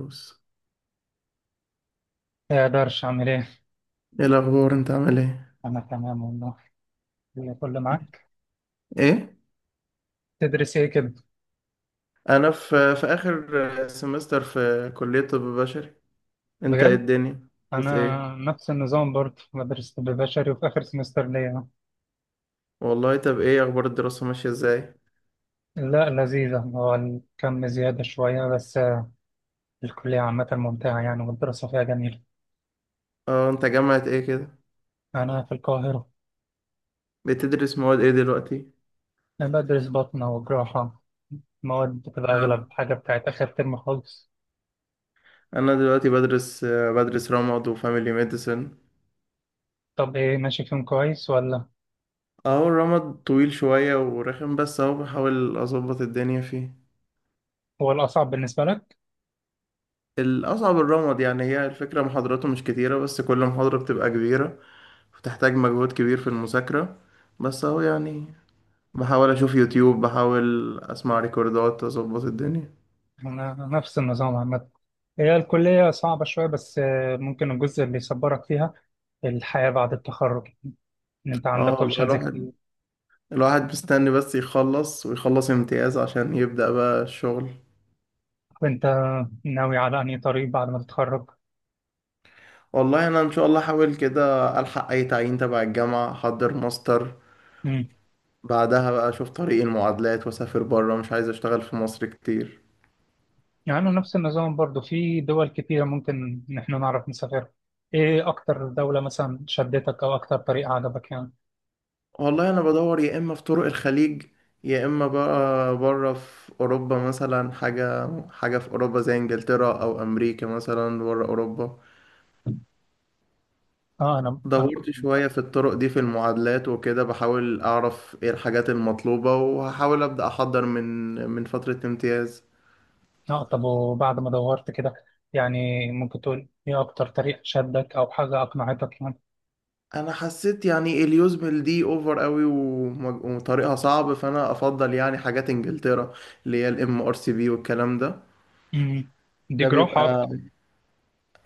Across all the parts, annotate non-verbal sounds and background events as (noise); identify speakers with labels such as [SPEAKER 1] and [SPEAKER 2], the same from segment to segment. [SPEAKER 1] بص،
[SPEAKER 2] ما اقدرش اعمل ايه.
[SPEAKER 1] ايه الاخبار؟ انت عامل ايه؟
[SPEAKER 2] انا تمام والله. اللي كله معاك.
[SPEAKER 1] ايه،
[SPEAKER 2] تدرس ايه كده؟
[SPEAKER 1] انا في اخر سمستر في كلية طب بشري. انت ايه
[SPEAKER 2] بجد.
[SPEAKER 1] الدنيا؟ بس
[SPEAKER 2] انا
[SPEAKER 1] ايه؟
[SPEAKER 2] نفس النظام برضه بدرس طب بشري وفي اخر سمستر ليا أهو.
[SPEAKER 1] والله طب ايه اخبار الدراسة؟ ماشية ازاي؟
[SPEAKER 2] لا لذيذة، هو الكم زيادة شوية بس الكلية عامة ممتعة يعني والدراسة فيها جميلة.
[SPEAKER 1] اه، انت جامعة ايه كده؟
[SPEAKER 2] أنا في القاهرة.
[SPEAKER 1] بتدرس مواد ايه دلوقتي؟
[SPEAKER 2] أنا بدرس باطنة وجراحة، مواد بتبقى أغلب
[SPEAKER 1] مم.
[SPEAKER 2] حاجة بتاعت آخر ترم خالص.
[SPEAKER 1] انا دلوقتي بدرس رمد وفاميلي ميديسن.
[SPEAKER 2] طب إيه، ماشي فيهم كويس ولا؟
[SPEAKER 1] اه، الرمد طويل شوية ورخم، بس اهو بحاول اظبط الدنيا فيه.
[SPEAKER 2] هو الأصعب بالنسبة لك؟
[SPEAKER 1] الاصعب الرمد يعني. هي الفكرة محاضراته مش كتيرة، بس كل محاضرة بتبقى كبيرة، بتحتاج مجهود كبير في المذاكرة، بس اهو يعني بحاول اشوف يوتيوب، بحاول اسمع ريكوردات، اظبط الدنيا.
[SPEAKER 2] أنا نفس النظام عامة، هي الكلية صعبة شوية بس ممكن الجزء اللي يصبرك فيها الحياة بعد التخرج، إن أنت
[SPEAKER 1] اه
[SPEAKER 2] عندك
[SPEAKER 1] والله،
[SPEAKER 2] أوبشنز
[SPEAKER 1] الواحد
[SPEAKER 2] كتير.
[SPEAKER 1] الواحد مستني بس يخلص ويخلص امتياز عشان يبدأ بقى الشغل.
[SPEAKER 2] وأنت ناوي على أنهي طريق بعد ما تتخرج؟
[SPEAKER 1] والله انا ان شاء الله احاول كده الحق اي تعيين تبع الجامعة، احضر ماستر،
[SPEAKER 2] مم.
[SPEAKER 1] بعدها بقى اشوف طريق المعادلات واسافر بره. مش عايز اشتغل في مصر كتير.
[SPEAKER 2] يعني نفس النظام برضو، في دول كتيرة ممكن إن إحنا نعرف نسافرها. إيه أكتر دولة مثلا شدتك أو أكتر طريق عجبك يعني؟
[SPEAKER 1] والله انا بدور يا اما في طرق الخليج، يا اما بقى بره في اوروبا، مثلا حاجه في اوروبا زي انجلترا او امريكا، مثلا بره اوروبا.
[SPEAKER 2] أه، أنا.
[SPEAKER 1] دورت شويه في الطرق دي في المعادلات وكده، بحاول اعرف ايه الحاجات المطلوبه، وهحاول ابدا احضر من فتره امتياز.
[SPEAKER 2] أه طب، وبعد ما دورت كده يعني ممكن تقول إيه أكتر طريق شدك أو حاجة أقنعتك يعني؟
[SPEAKER 1] انا حسيت يعني اليوزمل دي اوفر قوي، وطريقها صعب، فانا افضل يعني حاجات انجلترا اللي هي الام ار سي بي والكلام ده.
[SPEAKER 2] مم. دي
[SPEAKER 1] ده
[SPEAKER 2] جراحة أكتر؟
[SPEAKER 1] بيبقى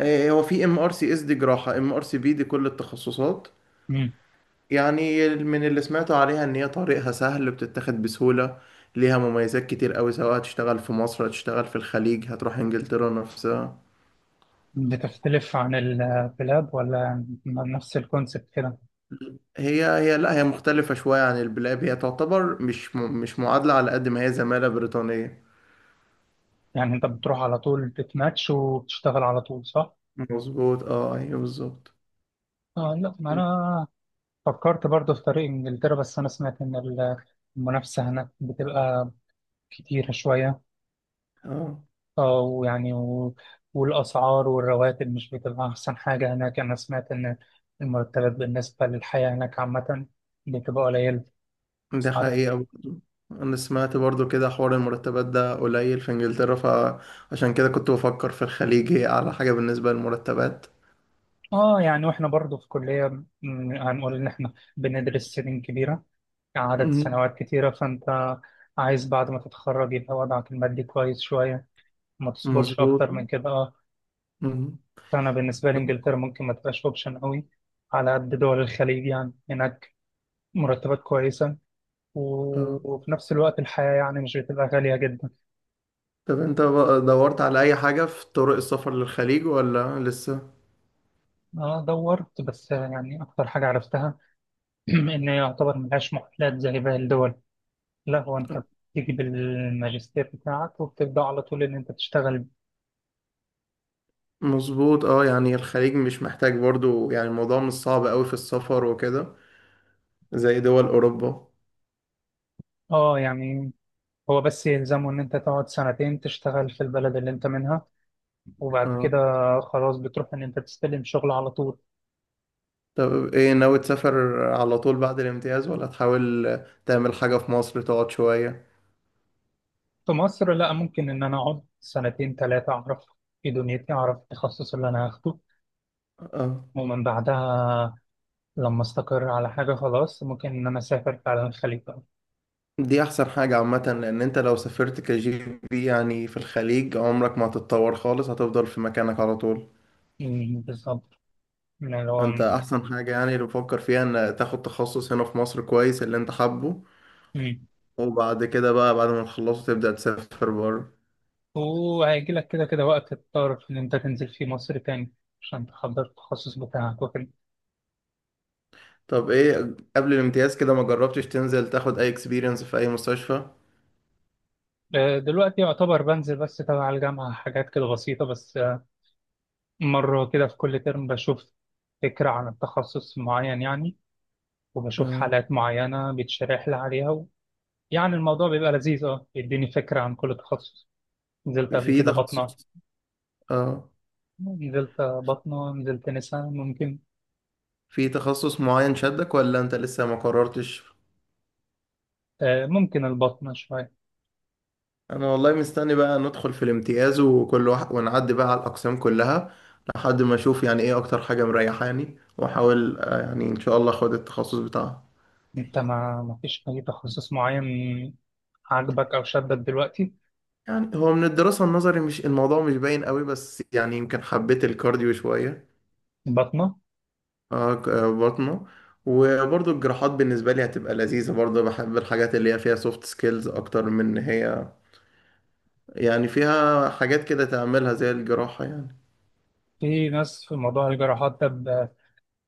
[SPEAKER 1] هو في ام ار سي اس دي جراحة، ام ار سي بي دي كل التخصصات. يعني من اللي سمعته عليها ان هي طريقها سهل، بتتاخد بسهولة، ليها مميزات كتير قوي، سواء هتشتغل في مصر، هتشتغل في الخليج، هتروح انجلترا نفسها.
[SPEAKER 2] بتختلف عن البلاد ولا نفس الكونسبت كده؟
[SPEAKER 1] هي لا، هي مختلفة شوية عن البلاب. هي تعتبر مش مش معادلة، على قد ما هي زمالة بريطانية.
[SPEAKER 2] يعني انت بتروح على طول بتماتش وبتشتغل على طول صح؟
[SPEAKER 1] مظبوط، اه ايوه بالظبط.
[SPEAKER 2] آه لا، ما انا فكرت برضه في طريق انجلترا، بس انا سمعت ان المنافسة هناك بتبقى كتيرة شوية.
[SPEAKER 1] اه
[SPEAKER 2] اه ويعني والاسعار والرواتب مش بتبقى احسن حاجة هناك، انا سمعت ان المرتبات بالنسبة للحياة هناك عامة بتبقى قليلة،
[SPEAKER 1] ده
[SPEAKER 2] اسعار.
[SPEAKER 1] حقيقة برضه. أنا سمعت برضه كده حوار المرتبات ده قليل في إنجلترا، فعشان كده كنت بفكر في الخليج، هي أعلى حاجة بالنسبة للمرتبات.
[SPEAKER 2] اه يعني، واحنا برضه في كلية، هنقول ان احنا بندرس سنين كبيرة، عدد
[SPEAKER 1] مم.
[SPEAKER 2] سنوات كتيرة، فأنت عايز بعد ما تتخرج يبقى وضعك المادي كويس شوية، ما تصبرش
[SPEAKER 1] مظبوط.
[SPEAKER 2] أكتر من كده.
[SPEAKER 1] مم.
[SPEAKER 2] فأنا بالنسبة لي إنجلترا ممكن ما تبقاش أوبشن أوي، على قد دول الخليج، يعني هناك مرتبات كويسة
[SPEAKER 1] آه.
[SPEAKER 2] وفي نفس الوقت الحياة يعني مش بتبقى غالية جدا.
[SPEAKER 1] طب أنت بقى دورت على أي حاجة في طرق السفر للخليج ولا لسه؟
[SPEAKER 2] أه دورت، بس يعني أكتر حاجة عرفتها (clears throat) إن هي يعتبر ملهاش معادلات زي باقي الدول، لا هو أنت بتيجي بالماجستير بتاعك وبتبدأ على طول إن أنت تشتغل.
[SPEAKER 1] مظبوط، اه يعني الخليج مش محتاج برضه، يعني الموضوع مش صعب أوي في السفر وكده، زي دول أوروبا.
[SPEAKER 2] أه يعني، هو بس يلزمه إن أنت تقعد سنتين تشتغل في البلد اللي أنت منها، وبعد
[SPEAKER 1] اه
[SPEAKER 2] كده خلاص بتروح إن أنت تستلم شغل على طول.
[SPEAKER 1] طب ايه، ناوي تسافر على طول بعد الامتياز، ولا تحاول تعمل حاجة في مصر تقعد شوية؟
[SPEAKER 2] في مصر لا، ممكن إن أنا أقعد سنتين تلاتة، أعرف في دنيتي أعرف التخصص اللي أنا هاخده،
[SPEAKER 1] اه
[SPEAKER 2] ومن بعدها لما أستقر على حاجة خلاص ممكن إن أنا أسافر فعلا الخليج بقى.
[SPEAKER 1] دي احسن حاجة عامة، لان انت لو سافرت كجي بي يعني في الخليج، عمرك ما هتتطور خالص، هتفضل في مكانك على طول.
[SPEAKER 2] أمم، بالظبط، من اللي
[SPEAKER 1] انت
[SPEAKER 2] هو.
[SPEAKER 1] احسن حاجة يعني اللي بفكر فيها ان تاخد تخصص هنا في مصر كويس اللي انت حابه،
[SPEAKER 2] أمم.
[SPEAKER 1] وبعد كده بقى بعد ما تخلصه تبدأ تسافر بره.
[SPEAKER 2] وهيجي لك كده كده وقت تضطر إن أنت تنزل فيه مصر تاني عشان تحضر التخصص بتاعك وكده.
[SPEAKER 1] طب ايه، قبل الامتياز كده ما جربتش تنزل تاخد اي اكسبيرينس في اي مستشفى؟
[SPEAKER 2] دلوقتي يعتبر بنزل بس تبع الجامعة حاجات كده بسيطة بس مرة كده في كل ترم بشوف فكرة عن التخصص معين يعني، وبشوف
[SPEAKER 1] اه،
[SPEAKER 2] حالات معينة بيتشرح لي عليها يعني الموضوع بيبقى لذيذ، بيديني فكرة عن كل تخصص. نزلت قبل
[SPEAKER 1] في
[SPEAKER 2] كده بطنة،
[SPEAKER 1] تخصص. اه،
[SPEAKER 2] نزلت بطنة، نزلت نساء، ممكن
[SPEAKER 1] في تخصص معين شدك ولا انت لسه ما قررتش؟
[SPEAKER 2] ممكن البطنة شوية.
[SPEAKER 1] انا والله مستني بقى ندخل في الامتياز، وكل واحد ونعدي بقى على الاقسام كلها، لحد ما اشوف يعني ايه اكتر حاجه مريحاني، واحاول يعني ان شاء الله اخد التخصص بتاعها.
[SPEAKER 2] انت ما فيش أي تخصص معين عاجبك أو شدك دلوقتي؟
[SPEAKER 1] يعني هو من الدراسه النظري مش الموضوع مش باين قوي، بس يعني يمكن حبيت الكارديو شويه.
[SPEAKER 2] بطنة.
[SPEAKER 1] بطنه. وبرضه الجراحات بالنسبه لي هتبقى لذيذه برضه. بحب الحاجات اللي هي فيها سوفت سكيلز اكتر من ان هي يعني فيها حاجات كده تعملها زي الجراحه يعني.
[SPEAKER 2] في ناس في موضوع الجراحات ده،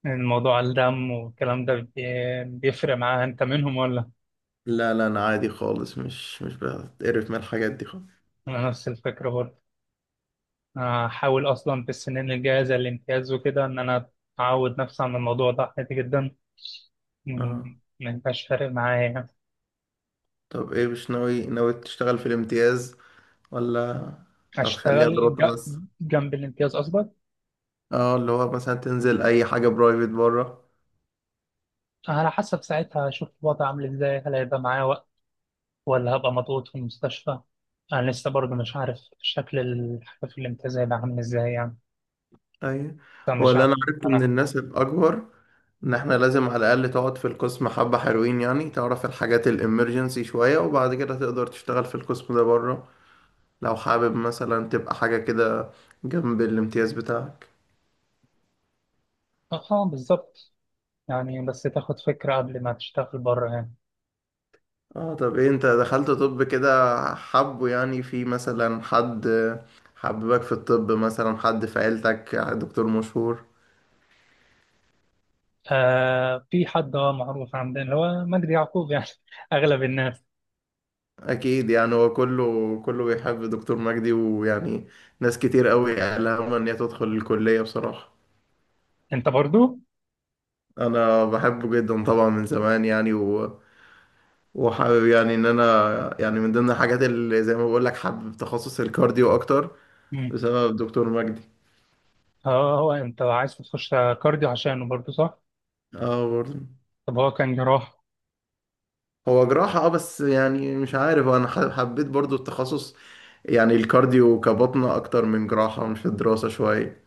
[SPEAKER 2] الموضوع الدم والكلام ده بيفرق معاها، انت منهم ولا؟
[SPEAKER 1] لا لا، انا عادي خالص، مش بتقرف من الحاجات دي.
[SPEAKER 2] انا نفس الفكره برضه، انا هحاول اصلا في السنين الجايه زي الامتياز وكده ان انا اعود نفسي عن الموضوع ده، عادي جدا،
[SPEAKER 1] اه
[SPEAKER 2] ما يبقاش فارق معايا يعني.
[SPEAKER 1] طب ايه، مش ناوي تشتغل في الامتياز، ولا هتخليها
[SPEAKER 2] هشتغل
[SPEAKER 1] دراسة
[SPEAKER 2] ج-
[SPEAKER 1] بس؟
[SPEAKER 2] جنب الامتياز قصدك،
[SPEAKER 1] اه، اللي هو مثلا تنزل اي حاجة برايفت بره.
[SPEAKER 2] على حسب ساعتها هشوف الوضع عامل ازاي، هل هيبقى معايا وقت ولا هبقى مضغوط في المستشفى، انا لسه برضه مش عارف شكل الحاجه في الامتياز هيبقى عامل ازاي يعني،
[SPEAKER 1] اي، هو
[SPEAKER 2] فمش
[SPEAKER 1] اللي
[SPEAKER 2] عارف.
[SPEAKER 1] انا عرفته من
[SPEAKER 2] انا
[SPEAKER 1] الناس الاكبر ان احنا لازم على الاقل تقعد في القسم حبة حلوين، يعني تعرف الحاجات الامرجنسي شوية، وبعد كده تقدر تشتغل في القسم ده بره، لو حابب مثلا تبقى حاجة كده جنب الامتياز بتاعك.
[SPEAKER 2] اه، بالظبط، يعني بس تاخد فكرة قبل ما تشتغل بره هنا.
[SPEAKER 1] اه طب ايه، انت دخلت طب كده، حبه يعني في مثلا حد، حببك في الطب، مثلا حد في عيلتك دكتور مشهور؟
[SPEAKER 2] في حد معروف عندنا اللي هو مجدي يعقوب يعني (laughs) أغلب الناس.
[SPEAKER 1] اكيد، يعني هو كله بيحب دكتور مجدي، ويعني ناس كتير قوي قالها ان هي تدخل الكلية بصراحة.
[SPEAKER 2] أنت برضو؟
[SPEAKER 1] انا بحبه جدا طبعا من زمان يعني، وحابب يعني ان انا، يعني من ضمن الحاجات اللي زي ما بقول لك، حابب تخصص الكارديو اكتر
[SPEAKER 2] مم.
[SPEAKER 1] بسبب دكتور مجدي.
[SPEAKER 2] اه هو أنت عايز تخش كارديو عشانه برضو صح؟
[SPEAKER 1] اه برضه.
[SPEAKER 2] طب هو كان جراح؟
[SPEAKER 1] هو جراحة اه، بس يعني مش عارف انا حبيت برضو التخصص. يعني الكارديو كبطنة اكتر من جراحة، مش في الدراسة شوية.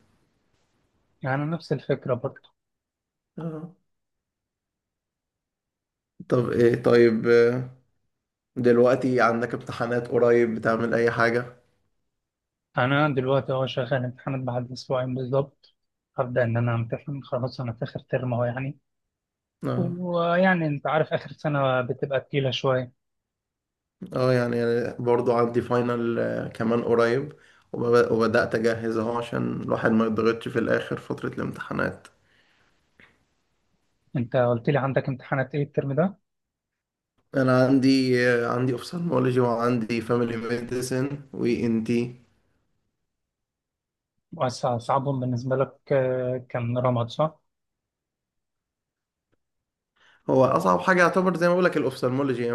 [SPEAKER 2] يعني نفس الفكرة برضو.
[SPEAKER 1] اه طب ايه، طيب دلوقتي عندك امتحانات قريب؟ بتعمل اي حاجة؟
[SPEAKER 2] أنا دلوقتي شغال امتحانات بعد أسبوعين بالظبط، هبدأ إن أنا أمتحن خلاص، أنا في آخر ترم أهو يعني،
[SPEAKER 1] اه.
[SPEAKER 2] ويعني أنت عارف آخر سنة بتبقى تقيلة شوية.
[SPEAKER 1] اه يعني أنا برضو عندي فاينل كمان قريب. وبدأت اجهز اهو عشان الواحد ما يضغطش في الاخر فترة الامتحانات.
[SPEAKER 2] أنت قلت لي عندك امتحانات إيه الترم ده؟
[SPEAKER 1] انا عندي عندي اوفثالمولوجي، وعندي فاميلي ميديسن، وي ان تي.
[SPEAKER 2] وأصعبهم بالنسبة لك كان رمض صح؟
[SPEAKER 1] هو اصعب حاجه يعتبر زي ما بقول لك الاوفثالمولوجي.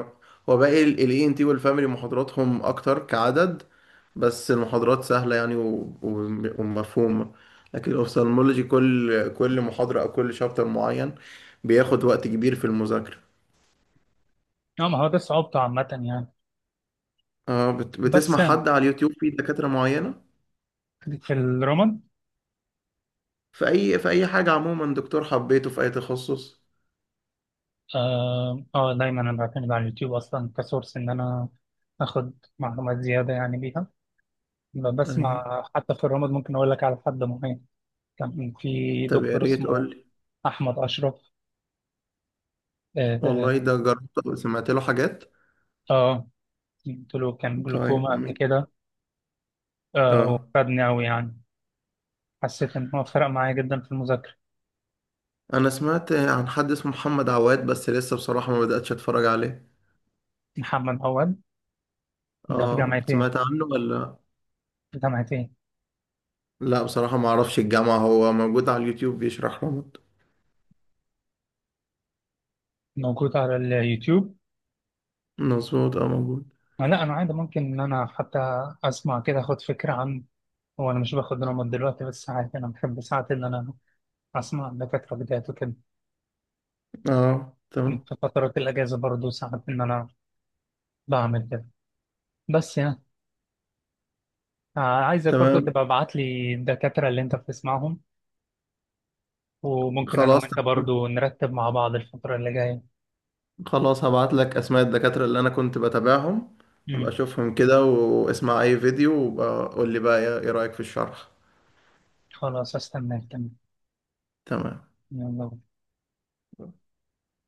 [SPEAKER 1] هو باقي الاي ان تي والفاميلي، محاضراتهم اكتر كعدد، بس المحاضرات سهله يعني ومفهومه. لكن الاوفثالمولوجي كل محاضره او كل شابتر معين بياخد وقت كبير في المذاكره.
[SPEAKER 2] اه، ما هو ده صعوبته عامة يعني،
[SPEAKER 1] اه
[SPEAKER 2] بس
[SPEAKER 1] بتسمع
[SPEAKER 2] يعني
[SPEAKER 1] حد على اليوتيوب في دكاتره معينه
[SPEAKER 2] في الرمض
[SPEAKER 1] في اي، في اي حاجه عموما، دكتور حبيته في اي تخصص؟
[SPEAKER 2] دايما انا بعتمد على اليوتيوب اصلا كسورس ان انا اخد معلومات زيادة يعني بيها.
[SPEAKER 1] ايوه.
[SPEAKER 2] بسمع حتى في الرمض، ممكن اقول لك على حد معين، كان في
[SPEAKER 1] طب يا
[SPEAKER 2] دكتور
[SPEAKER 1] ريت
[SPEAKER 2] اسمه
[SPEAKER 1] قول لي.
[SPEAKER 2] احمد اشرف. اه، آه.
[SPEAKER 1] والله ده جربت سمعت له حاجات.
[SPEAKER 2] آه، قلت له كان
[SPEAKER 1] طيب
[SPEAKER 2] جلوكوما قبل
[SPEAKER 1] جميل.
[SPEAKER 2] كده.
[SPEAKER 1] اه،
[SPEAKER 2] وفادني قوي يعني، حسيت ان هو فرق معايا جدا في المذاكرة.
[SPEAKER 1] انا سمعت عن حد اسمه محمد عواد، بس لسه بصراحة ما بدأتش اتفرج عليه.
[SPEAKER 2] محمد عواد، ده في
[SPEAKER 1] اه،
[SPEAKER 2] جامعة ايه؟
[SPEAKER 1] سمعت عنه ولا؟
[SPEAKER 2] في جامعة ايه؟
[SPEAKER 1] لا بصراحة ما اعرفش الجامعة. هو موجود على اليوتيوب بيشرح رمض.
[SPEAKER 2] موجود على اليوتيوب؟
[SPEAKER 1] مظبوط اه موجود.
[SPEAKER 2] لا انا عادي، ممكن ان انا حتى اسمع كده اخد فكره عن، هو انا مش باخد نومات دلوقتي، بس ساعات انا بحب ساعات ان انا اسمع دكاتره بدايات وكده،
[SPEAKER 1] اه تمام.
[SPEAKER 2] في فترات الاجازه برضو ساعات ان انا بعمل كده، بس يعني عايزك برضو
[SPEAKER 1] تمام.
[SPEAKER 2] تبقى ابعت لي الدكاتره اللي انت بتسمعهم، وممكن انا
[SPEAKER 1] خلاص.
[SPEAKER 2] وانت برضو نرتب مع بعض الفتره اللي جايه.
[SPEAKER 1] خلاص هبعت لك اسماء الدكاترة اللي انا كنت بتابعهم. ابقى
[SPEAKER 2] امم.
[SPEAKER 1] اشوفهم كده واسمع اي فيديو وقول لي بقى إيه رأيك في الشرح.
[SPEAKER 2] خلاص استناك، تمام.
[SPEAKER 1] تمام.
[SPEAKER 2] يلا.